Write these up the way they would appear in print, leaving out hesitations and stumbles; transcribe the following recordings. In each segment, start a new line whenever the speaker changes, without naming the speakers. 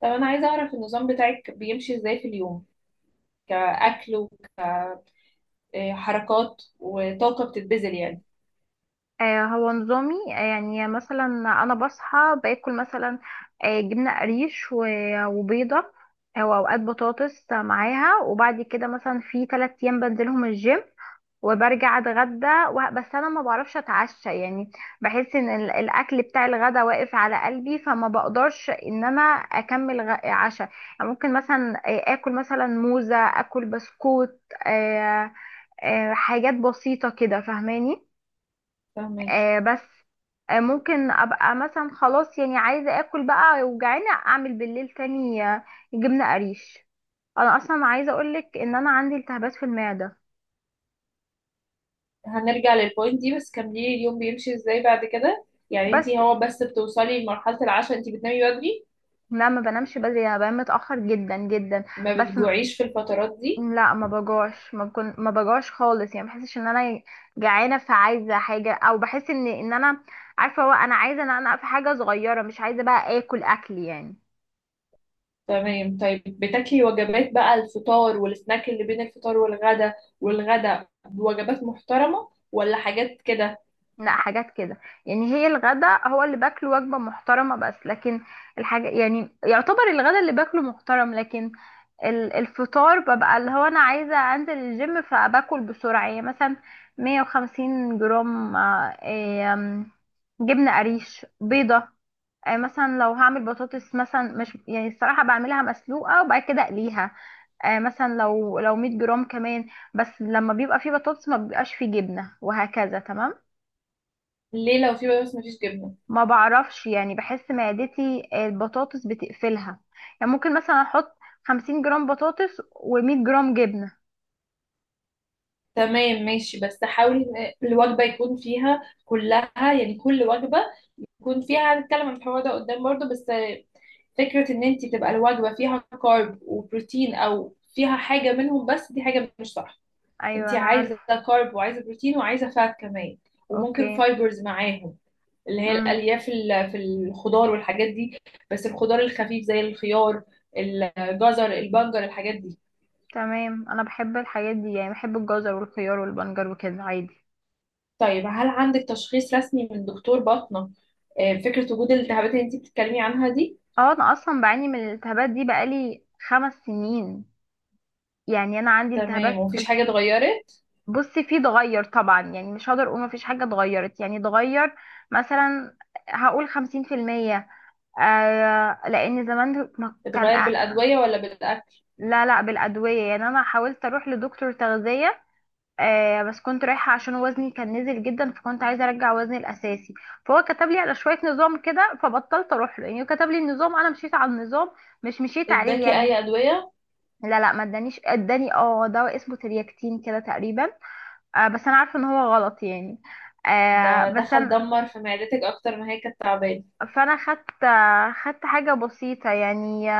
طب انا عايزه اعرف النظام بتاعك بيمشي ازاي في اليوم كاكل، وحركات وطاقه بتتبذل يعني.
هو نظامي، يعني مثلا انا بصحى باكل مثلا، جبنه قريش و- وبيضه، او اوقات بطاطس معاها. وبعد كده مثلا في 3 ايام بنزلهم الجيم، وبرجع اتغدى، بس انا ما بعرفش اتعشى، يعني بحس ان ال- الاكل بتاع الغدا واقف على قلبي، فما بقدرش ان انا اكمل عشاء. يعني ممكن مثلا اكل مثلا موزه، اكل بسكوت، آه، حاجات بسيطه كده، فاهماني؟
فاهمك.
بس. ممكن ابقى مثلا خلاص يعني عايزه اكل بقى وجعانه، اعمل بالليل تاني، جبنه قريش. انا اصلا عايزه اقولك ان انا عندي التهابات في المعده.
هنرجع للبوينت دي، بس كملي اليوم بيمشي ازاي بعد كده. يعني
بس
انتي هو بس بتوصلي لمرحله العشاء، انتي بتنامي بدري؟
لا، ما بنامش بدري، انا بنام متاخر جدا جدا.
ما
بس،
بتجوعيش في الفترات دي؟
لا ما بجوعش، ما بجوعش خالص. يعني ما بحسش ان انا جعانه فعايزه حاجه، او بحس ان انا عارفه، هو انا عايزه ان انا في حاجه صغيره، مش عايزه بقى اكل اكل يعني.
تمام، طيب بتاكلي وجبات بقى؟ الفطار والسناك اللي بين الفطار والغدا والغدا بوجبات محترمة ولا حاجات كده؟
لا، حاجات كده. يعني هي الغدا هو اللي باكله وجبة محترمة، بس لكن الحاجة يعني، يعتبر الغدا اللي باكله محترم، لكن ال- الفطار ببقى اللي هو انا عايزة انزل الجيم فباكل بسرعة، يعني مثلا 150 جرام، آه، إيه، آم، جبنة قريش، بيضة. مثلا لو هعمل بطاطس، مثلا مش يعني، الصراحة بعملها مسلوقة وبعد كده اقليها. مثلا لو 100 جرام كمان. بس لما بيبقى فيه بطاطس ما بيبقاش فيه جبنة، وهكذا. تمام.
ليه لو في بس مفيش جبنة؟
ما بعرفش، يعني بحس معدتي، البطاطس بتقفلها. يعني ممكن مثلا احط 50 جرام بطاطس و100 جرام جبنة.
تمام ماشي، بس حاولي ان الوجبة يكون فيها كلها، يعني كل وجبة يكون فيها، هنتكلم عن الحوار ده قدام برضو، بس فكرة ان انت تبقى الوجبة فيها كارب وبروتين او فيها حاجة منهم بس، دي حاجة مش صح.
ايوه،
انت
انا
عايزة
عارف.
كارب وعايزة بروتين وعايزة فات كمان،
اوكي.
وممكن فايبرز معاهم. اللي هي
امم.
الألياف في الخضار والحاجات دي. بس الخضار الخفيف زي الخيار، الجزر، البنجر، الحاجات دي.
تمام، انا بحب الحاجات دي، يعني بحب الجزر والخيار والبنجر وكده عادي.
طيب، هل عندك تشخيص رسمي من دكتور باطنة؟ فكرة وجود الالتهابات اللي انتي بتتكلمي عنها دي؟
اه، انا اصلا بعاني من الالتهابات دي بقالي 5 سنين. يعني انا عندي
تمام،
التهابات.
ومفيش حاجة اتغيرت؟
بصي، في اتغير طبعا، يعني مش هقدر اقول مفيش حاجة اتغيرت. يعني اتغير مثلا، هقول 50%. لان زمان ما كان
اتغير بالأدوية ولا بالأكل؟
لا، لا، بالادويه. يعني انا حاولت اروح لدكتور تغذيه، بس كنت رايحه عشان وزني كان نزل جدا، فكنت عايزه ارجع وزني الاساسي. فهو كتب لي على شويه نظام كده، فبطلت اروح له. يعني هو كتب لي النظام، انا مشيت على النظام، مش مشيت عليه
اداكي أي
يعني.
أدوية؟
لا، لا، ما ادانيش. اداني دواء اسمه ترياكتين كده تقريبا. بس انا عارفه ان هو غلط يعني.
ده
بس
دخل
أنا،
دمر في معدتك أكتر ما هي كانت تعبانة.
فانا خدت، حاجه بسيطه يعني.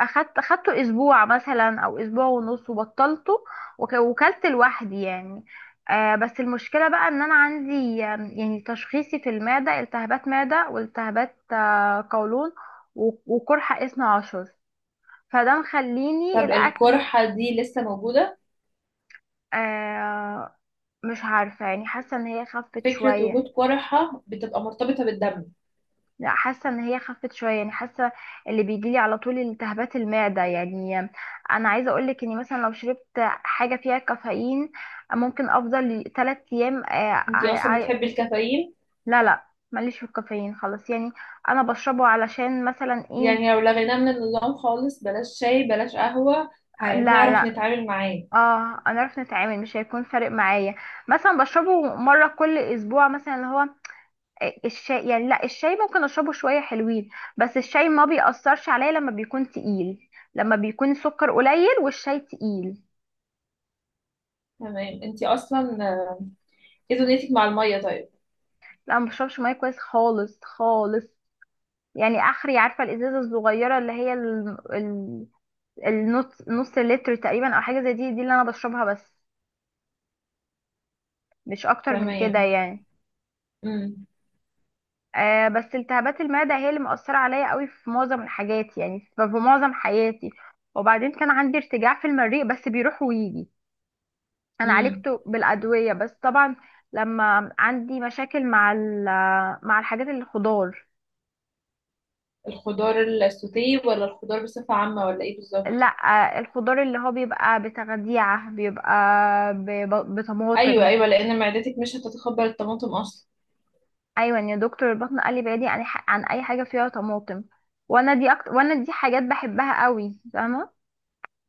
اخدته اسبوع مثلا، او اسبوع ونص، وبطلته، وك- وكلت لوحدي يعني. بس المشكله بقى، ان انا عندي، يعني تشخيصي في المعده، التهابات معده، والتهابات قولون، و- وقرحه اسمه عشر، فده مخليني
طب
الاكل.
القرحة دي لسه موجودة؟
آه مش عارفه، يعني حاسه ان هي خفت
فكرة
شويه.
وجود قرحة بتبقى مرتبطة بالدم.
لا، حاسه ان هي خفت شويه، يعني حاسه. اللي بيجي لي على طول التهابات المعده يعني. انا عايزه اقول لك اني مثلا لو شربت حاجه فيها كافيين، ممكن افضل 3 ايام،
انتي أصلا بتحبي الكافيين؟
لا، لا، ماليش في الكافيين خلاص يعني. انا بشربه علشان مثلا ايه.
يعني لو لغيناه من النظام خالص، بلاش شاي بلاش قهوة،
لا،
هنعرف
لا.
نتعامل معاه؟
اه، انا عارف نتعامل، مش هيكون فارق معايا. مثلا بشربه مره كل اسبوع مثلا، اللي هو الشاي يعني. لا، الشاي ممكن اشربه شويه حلوين، بس الشاي ما بيأثرش عليا لما بيكون تقيل، لما بيكون سكر قليل والشاي تقيل.
تمام، انتي اصلا ايه دنيتك مع المية طيب؟
لا، ما بشربش ميه كويس خالص خالص. يعني اخري، عارفه الازازه الصغيره اللي هي النص نص لتر تقريبا، او حاجه زي دي اللي انا بشربها، بس مش اكتر من كده
تمام.
يعني.
امم.
بس التهابات المعده هي اللي مأثره عليا قوي في معظم الحاجات، يعني في معظم حياتي. وبعدين كان عندي ارتجاع في المريء، بس بيروح ويجي، انا
امم.
عالجته بالادويه، بس طبعا لما عندي مشاكل مع الحاجات اللي خضار.
الخضار السوتيه ولا الخضار بصفة عامة ولا ايه بالظبط؟
لا، الخضار اللي هو بيبقى بتغذيعه بيبقى ب-
ايوه،
بطماطم.
ايوه، لان معدتك مش هتتقبل الطماطم اصلا.
ايوه يا دكتور، البطن قال لي بعيدي عن عن اي حاجه فيها طماطم، وانا دي أكتر، وانا دي حاجات بحبها قوي. فاهمه؟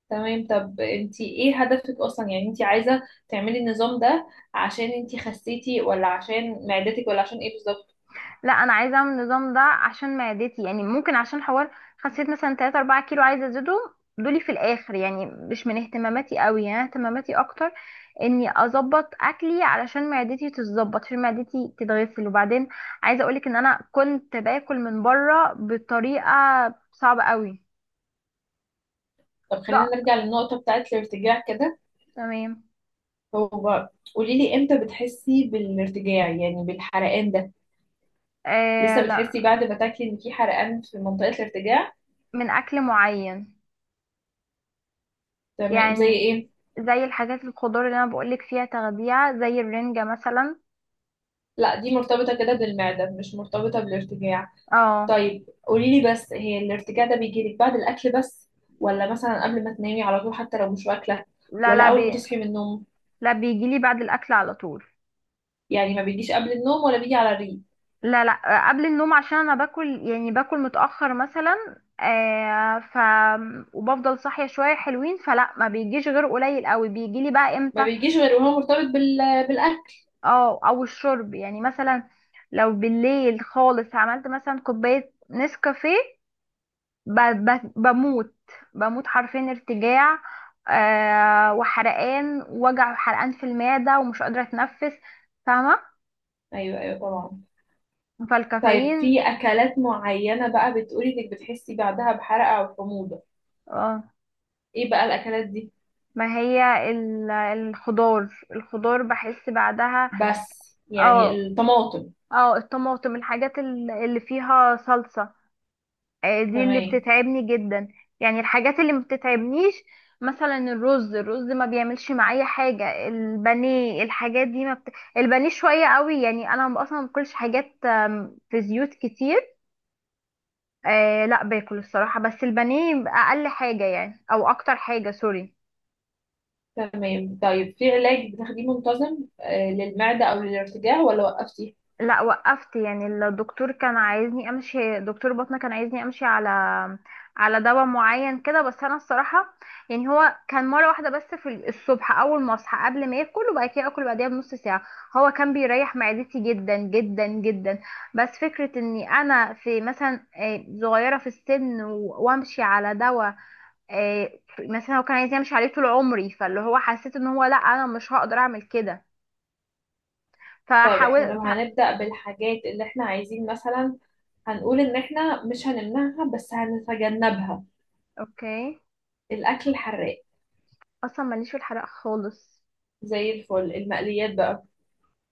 تمام، طب انتي ايه هدفك اصلا؟ يعني انتي عايزة تعملي النظام ده عشان انتي خسيتي، ولا عشان معدتك، ولا عشان ايه بالظبط؟
لا، انا عايزه اعمل النظام ده عشان معدتي، يعني ممكن عشان حوار خسيت مثلا 3 4 كيلو عايزه ازيدهم دولي في الاخر. يعني مش من اهتماماتي قوي، يعني اهتماماتي اكتر اني اظبط اكلي علشان معدتي تتظبط، عشان معدتي تتغسل. وبعدين عايزه اقولك ان انا كنت باكل من بره بطريقه صعبه قوي.
طب خلينا
لا.
نرجع للنقطة بتاعت الارتجاع كده.
تمام.
هو قولي لي امتى بتحسي بالارتجاع يعني بالحرقان ده؟ لسه بتحسي
لا،
بعد ما تاكلي ان في حرقان في منطقة الارتجاع؟
من اكل معين.
تمام، زي
يعني
ايه؟
زي الحاجات الخضار اللي انا بقولك فيها تغذيه، زي الرنجه مثلا.
لا دي مرتبطة كده بالمعدة، مش مرتبطة بالارتجاع.
اه.
طيب قولي لي بس، هي الارتجاع ده بيجي لك بعد الاكل بس، ولا مثلا قبل ما تنامي على طول حتى لو مش واكلة؟
لا،
ولا
لا،
اول ما تصحي من النوم؟
لا، بيجيلي بعد الاكل على طول.
يعني ما بيجيش قبل النوم ولا بيجي على الريق؟
لا، لا، قبل النوم، عشان انا باكل، يعني باكل متاخر مثلا، آه ف وبفضل صاحيه شويه حلوين، فلا ما بيجيش غير قليل قوي. بيجيلي بقى
ما
امتى،
بيجيش غير وهو مرتبط بالاكل.
اه، او الشرب. يعني مثلا لو بالليل خالص عملت مثلا كوبايه نسكافيه، ب- ب- بموت، بموت حرفيا، ارتجاع، وحرقان، وجع، حرقان في المعده، ومش قادره اتنفس. فاهمه؟
ايوه، ايوه، طبعا. طيب
فالكافيين.
في أكلات معينة بقى بتقولي إنك بتحسي بعدها بحرقة أو حموضة؟
اه.
إيه بقى الأكلات دي؟
ما هي ال- الخضار. بحس بعدها.
بس يعني
اه،
الطماطم؟
اه، الطماطم، الحاجات اللي فيها صلصة، دي اللي
تمام.
بتتعبني جدا. يعني الحاجات اللي ما بتتعبنيش، مثلا الرز ما بيعملش معايا حاجة. البانيه، الحاجات دي ما بت... البانيه شوية قوي، يعني انا اصلا ما باكلش حاجات في زيوت كتير. لا، باكل الصراحة، بس البانيه اقل حاجة يعني، او اكتر حاجة، سوري.
تمام، طيب في علاج بتاخديه منتظم للمعدة أو للارتجاع، ولا وقفتي؟
لا، وقفت. يعني الدكتور كان عايزني امشي، دكتور بطنه كان عايزني امشي على، دواء معين كده، بس انا الصراحه. يعني هو كان مره واحده بس في الصبح، اول ما اصحى قبل ما ياكل، وبعد كده اكل بعديها بنص ساعه. هو كان بيريح معدتي جدا جدا جدا. بس فكره اني انا في مثلا، صغيره في السن، و- وامشي على دواء، آه، مثلا هو كان عايز يمشي عليه طول عمري، فاللي هو حسيت ان هو، لا، انا مش هقدر اعمل كده،
طيب احنا
فحاول
لو هنبدأ بالحاجات اللي احنا عايزين، مثلا هنقول إن احنا مش هنمنعها بس هنتجنبها.
اوكي.
الأكل الحراق.
اصلا ماليش في الحرق خالص.
زي الفل، المقليات بقى.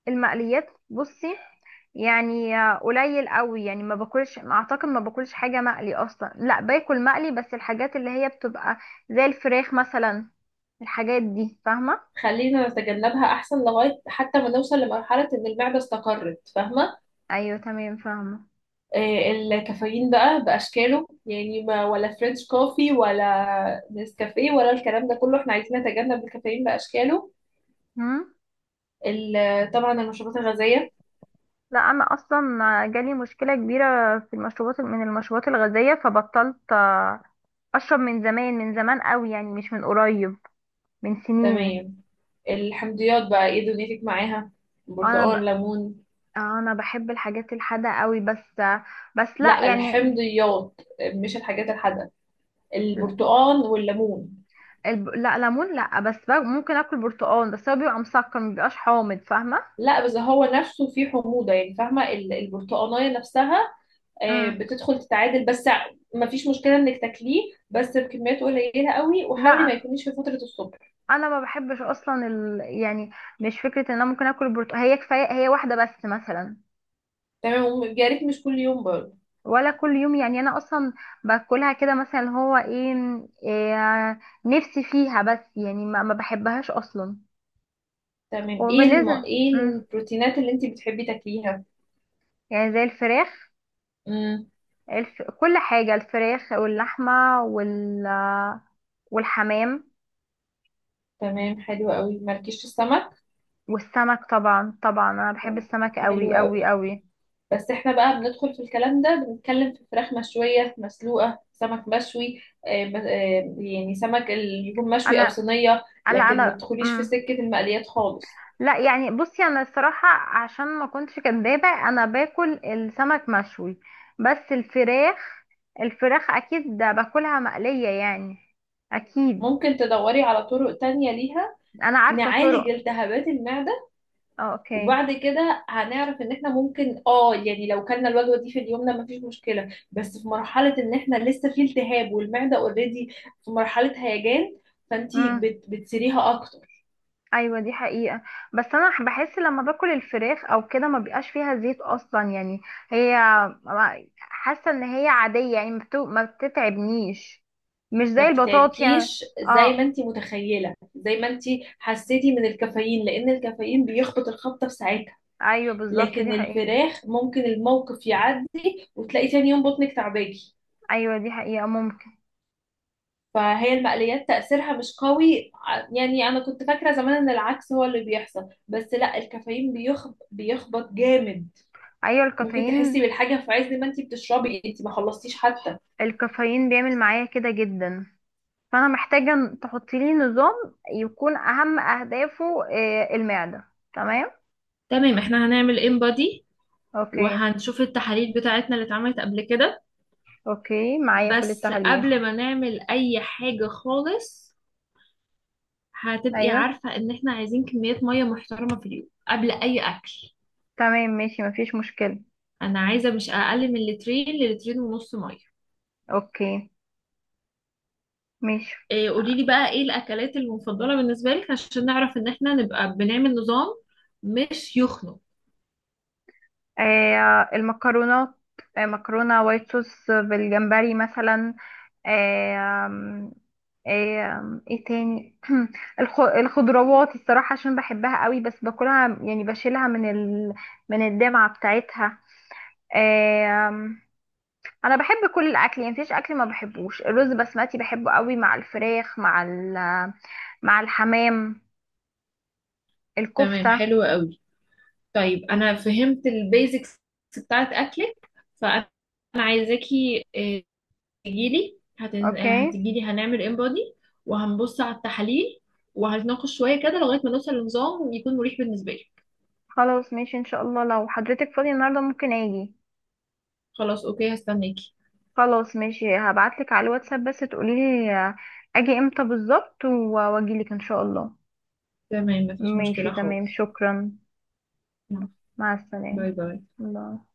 المقليات، بصي، يعني قليل قوي، يعني ما باكلش، اعتقد ما باكلش حاجه مقلي اصلا. لا، باكل مقلي، بس الحاجات اللي هي بتبقى زي الفراخ مثلا، الحاجات دي. فاهمه؟
خلينا نتجنبها أحسن لغاية حتى ما نوصل لمرحلة إن المعدة استقرت، فاهمة؟
ايوه، تمام، فاهمه.
الكافيين بقى بأشكاله، يعني ما ولا فرنش كوفي ولا نسكافيه ولا الكلام ده كله، احنا عايزين نتجنب الكافيين بأشكاله.
هم؟
طبعا المشروبات الغازية.
لا، انا اصلا جالي مشكله كبيره في المشروبات، من المشروبات الغازيه، فبطلت اشرب من زمان، من زمان قوي، يعني مش من قريب، من سنين.
تمام. الحمضيات بقى ايه دنيتك معاها؟
انا ب...
برتقال، ليمون.
انا بحب الحاجات الحادقه قوي، بس، بس لا
لا
يعني.
الحمضيات، مش الحاجات الحادقة، البرتقال والليمون.
لا، ليمون لا، بس ممكن اكل برتقال، بس هو بيبقى مسكر، مبيبقاش حامض، فاهمه؟
لا بس هو نفسه فيه حموضة يعني، فاهمة؟ البرتقانية نفسها.
امم.
بتدخل تتعادل بس. ما فيش مشكلة انك تاكليه، بس بكميات قليلة قوي، وحاولي ما
لا،
يكونيش في فترة الصبح.
انا ما بحبش اصلا يعني مش فكره ان انا ممكن اكل برتقال، هي كفايه هي واحده بس مثلا،
تمام، ويا ريت مش كل يوم برضه.
ولا كل يوم. يعني انا اصلا باكلها كده، مثلا اللي هو إيه نفسي فيها، بس يعني ما بحبهاش اصلا.
تمام، ايه
وبالنسبه،
ايه
امم،
البروتينات اللي انت بتحبي تاكليها؟
يعني زي الفراخ،
امم.
كل حاجه، الفراخ واللحمه والحمام.
تمام، حلو قوي. مالكيش في السمك؟
والسمك طبعا، طبعا انا بحب
طيب،
السمك قوي
حلو
قوي
قوي.
قوي.
بس احنا بقى بندخل في الكلام ده، بنتكلم في فراخ مشوية مسلوقة، سمك مشوي، يعني سمك اللي يكون مشوي او
انا،
صينية،
لا،
لكن ما
انا،
تدخليش في سكة المقليات خالص.
لا يعني، بصي، انا الصراحه عشان ما كنتش كدابه، انا باكل السمك مشوي، بس الفراخ اكيد ده باكلها مقليه يعني، اكيد.
ممكن تدوري على طرق تانية ليها،
انا عارفه
نعالج
طرق.
التهابات المعدة.
اوكي.
وبعد كده هنعرف ان احنا ممكن يعني لو كلنا الوجبة دي في اليوم ده مفيش مشكلة، بس في مرحلة ان احنا لسه في التهاب والمعدة اوريدي في مرحلة هيجان، فانتي بتسيريها اكتر.
ايوه، دي حقيقة، بس انا بحس لما باكل الفراخ او كده، ما بيبقاش فيها زيت اصلا يعني. هي حاسة ان هي عادية، يعني ما بتتعبنيش، مش
ما
زي البطاطس يعني.
بتتعبكيش زي
اه.
ما انتي متخيلة، زي ما انتي حسيتي من الكافيين، لان الكافيين بيخبط الخبطة في ساعتها.
ايوه بالظبط،
لكن
دي حقيقة.
الفراخ ممكن الموقف يعدي، وتلاقي تاني يوم بطنك تعباكي.
ايوه دي حقيقة، ممكن.
فهي المقليات تأثيرها مش قوي يعني أنا كنت فاكرة زمان إن العكس هو اللي بيحصل، بس لا الكافيين بيخبط جامد.
ايوه،
ممكن تحسي
الكافيين،
بالحاجة في عز ما انتي بتشربي، انتي ما خلصتيش حتى.
الكافيين بيعمل معايا كده جدا. فانا محتاجة تحطي لي نظام يكون اهم اهدافه المعدة. تمام.
تمام، احنا هنعمل انبادي،
اوكي.
وهنشوف التحاليل بتاعتنا اللي اتعملت قبل كده.
اوكي، معايا كل
بس
التحاليل.
قبل ما نعمل اي حاجة خالص، هتبقي
ايوه
عارفة ان احنا عايزين كميات مية محترمة في اليوم قبل اي اكل.
تمام ماشي، مفيش مشكلة.
انا عايزة مش اقل من لترين للترين ونص مية.
اوكي، ماشي.
قولي لي
آه
بقى ايه الاكلات المفضله بالنسبه لك عشان نعرف ان احنا نبقى بنعمل نظام مش يخنق.
المكرونات، مكرونة وايت صوص بالجمبري مثلا، آه آم، آه آم، ايه تاني؟ الخضروات، الصراحة عشان بحبها قوي، بس باكلها يعني، بشيلها من الدمعة بتاعتها. آه آم، انا بحب كل الاكل، يعني مفيش اكل ما بحبوش. الرز بسمتي بحبه قوي، مع الفراخ، مع الحمام،
تمام،
الكفتة.
حلو قوي. طيب انا فهمت البيزكس بتاعت اكلك، فانا عايزاكي، تجيلي، هتن... آه،
اوكي.
هتجيلي، هنعمل انبادي. وهنبص على التحاليل، وهنتناقش شويه كده لغايه ما نوصل لنظام يكون مريح بالنسبه لي.
خلاص ماشي ان شاء الله، لو حضرتك فاضية النهاردة ممكن اجي.
خلاص، اوكي، هستناكي.
خلاص ماشي، هبعتلك على الواتساب بس تقوليلي اجي امتى بالظبط، و- واجيلك ان شاء الله.
تمام، مفيش
ماشي،
مشكله
تمام،
خالص.
شكرا.
يلا،
مع السلامة.
باي باي.
الله.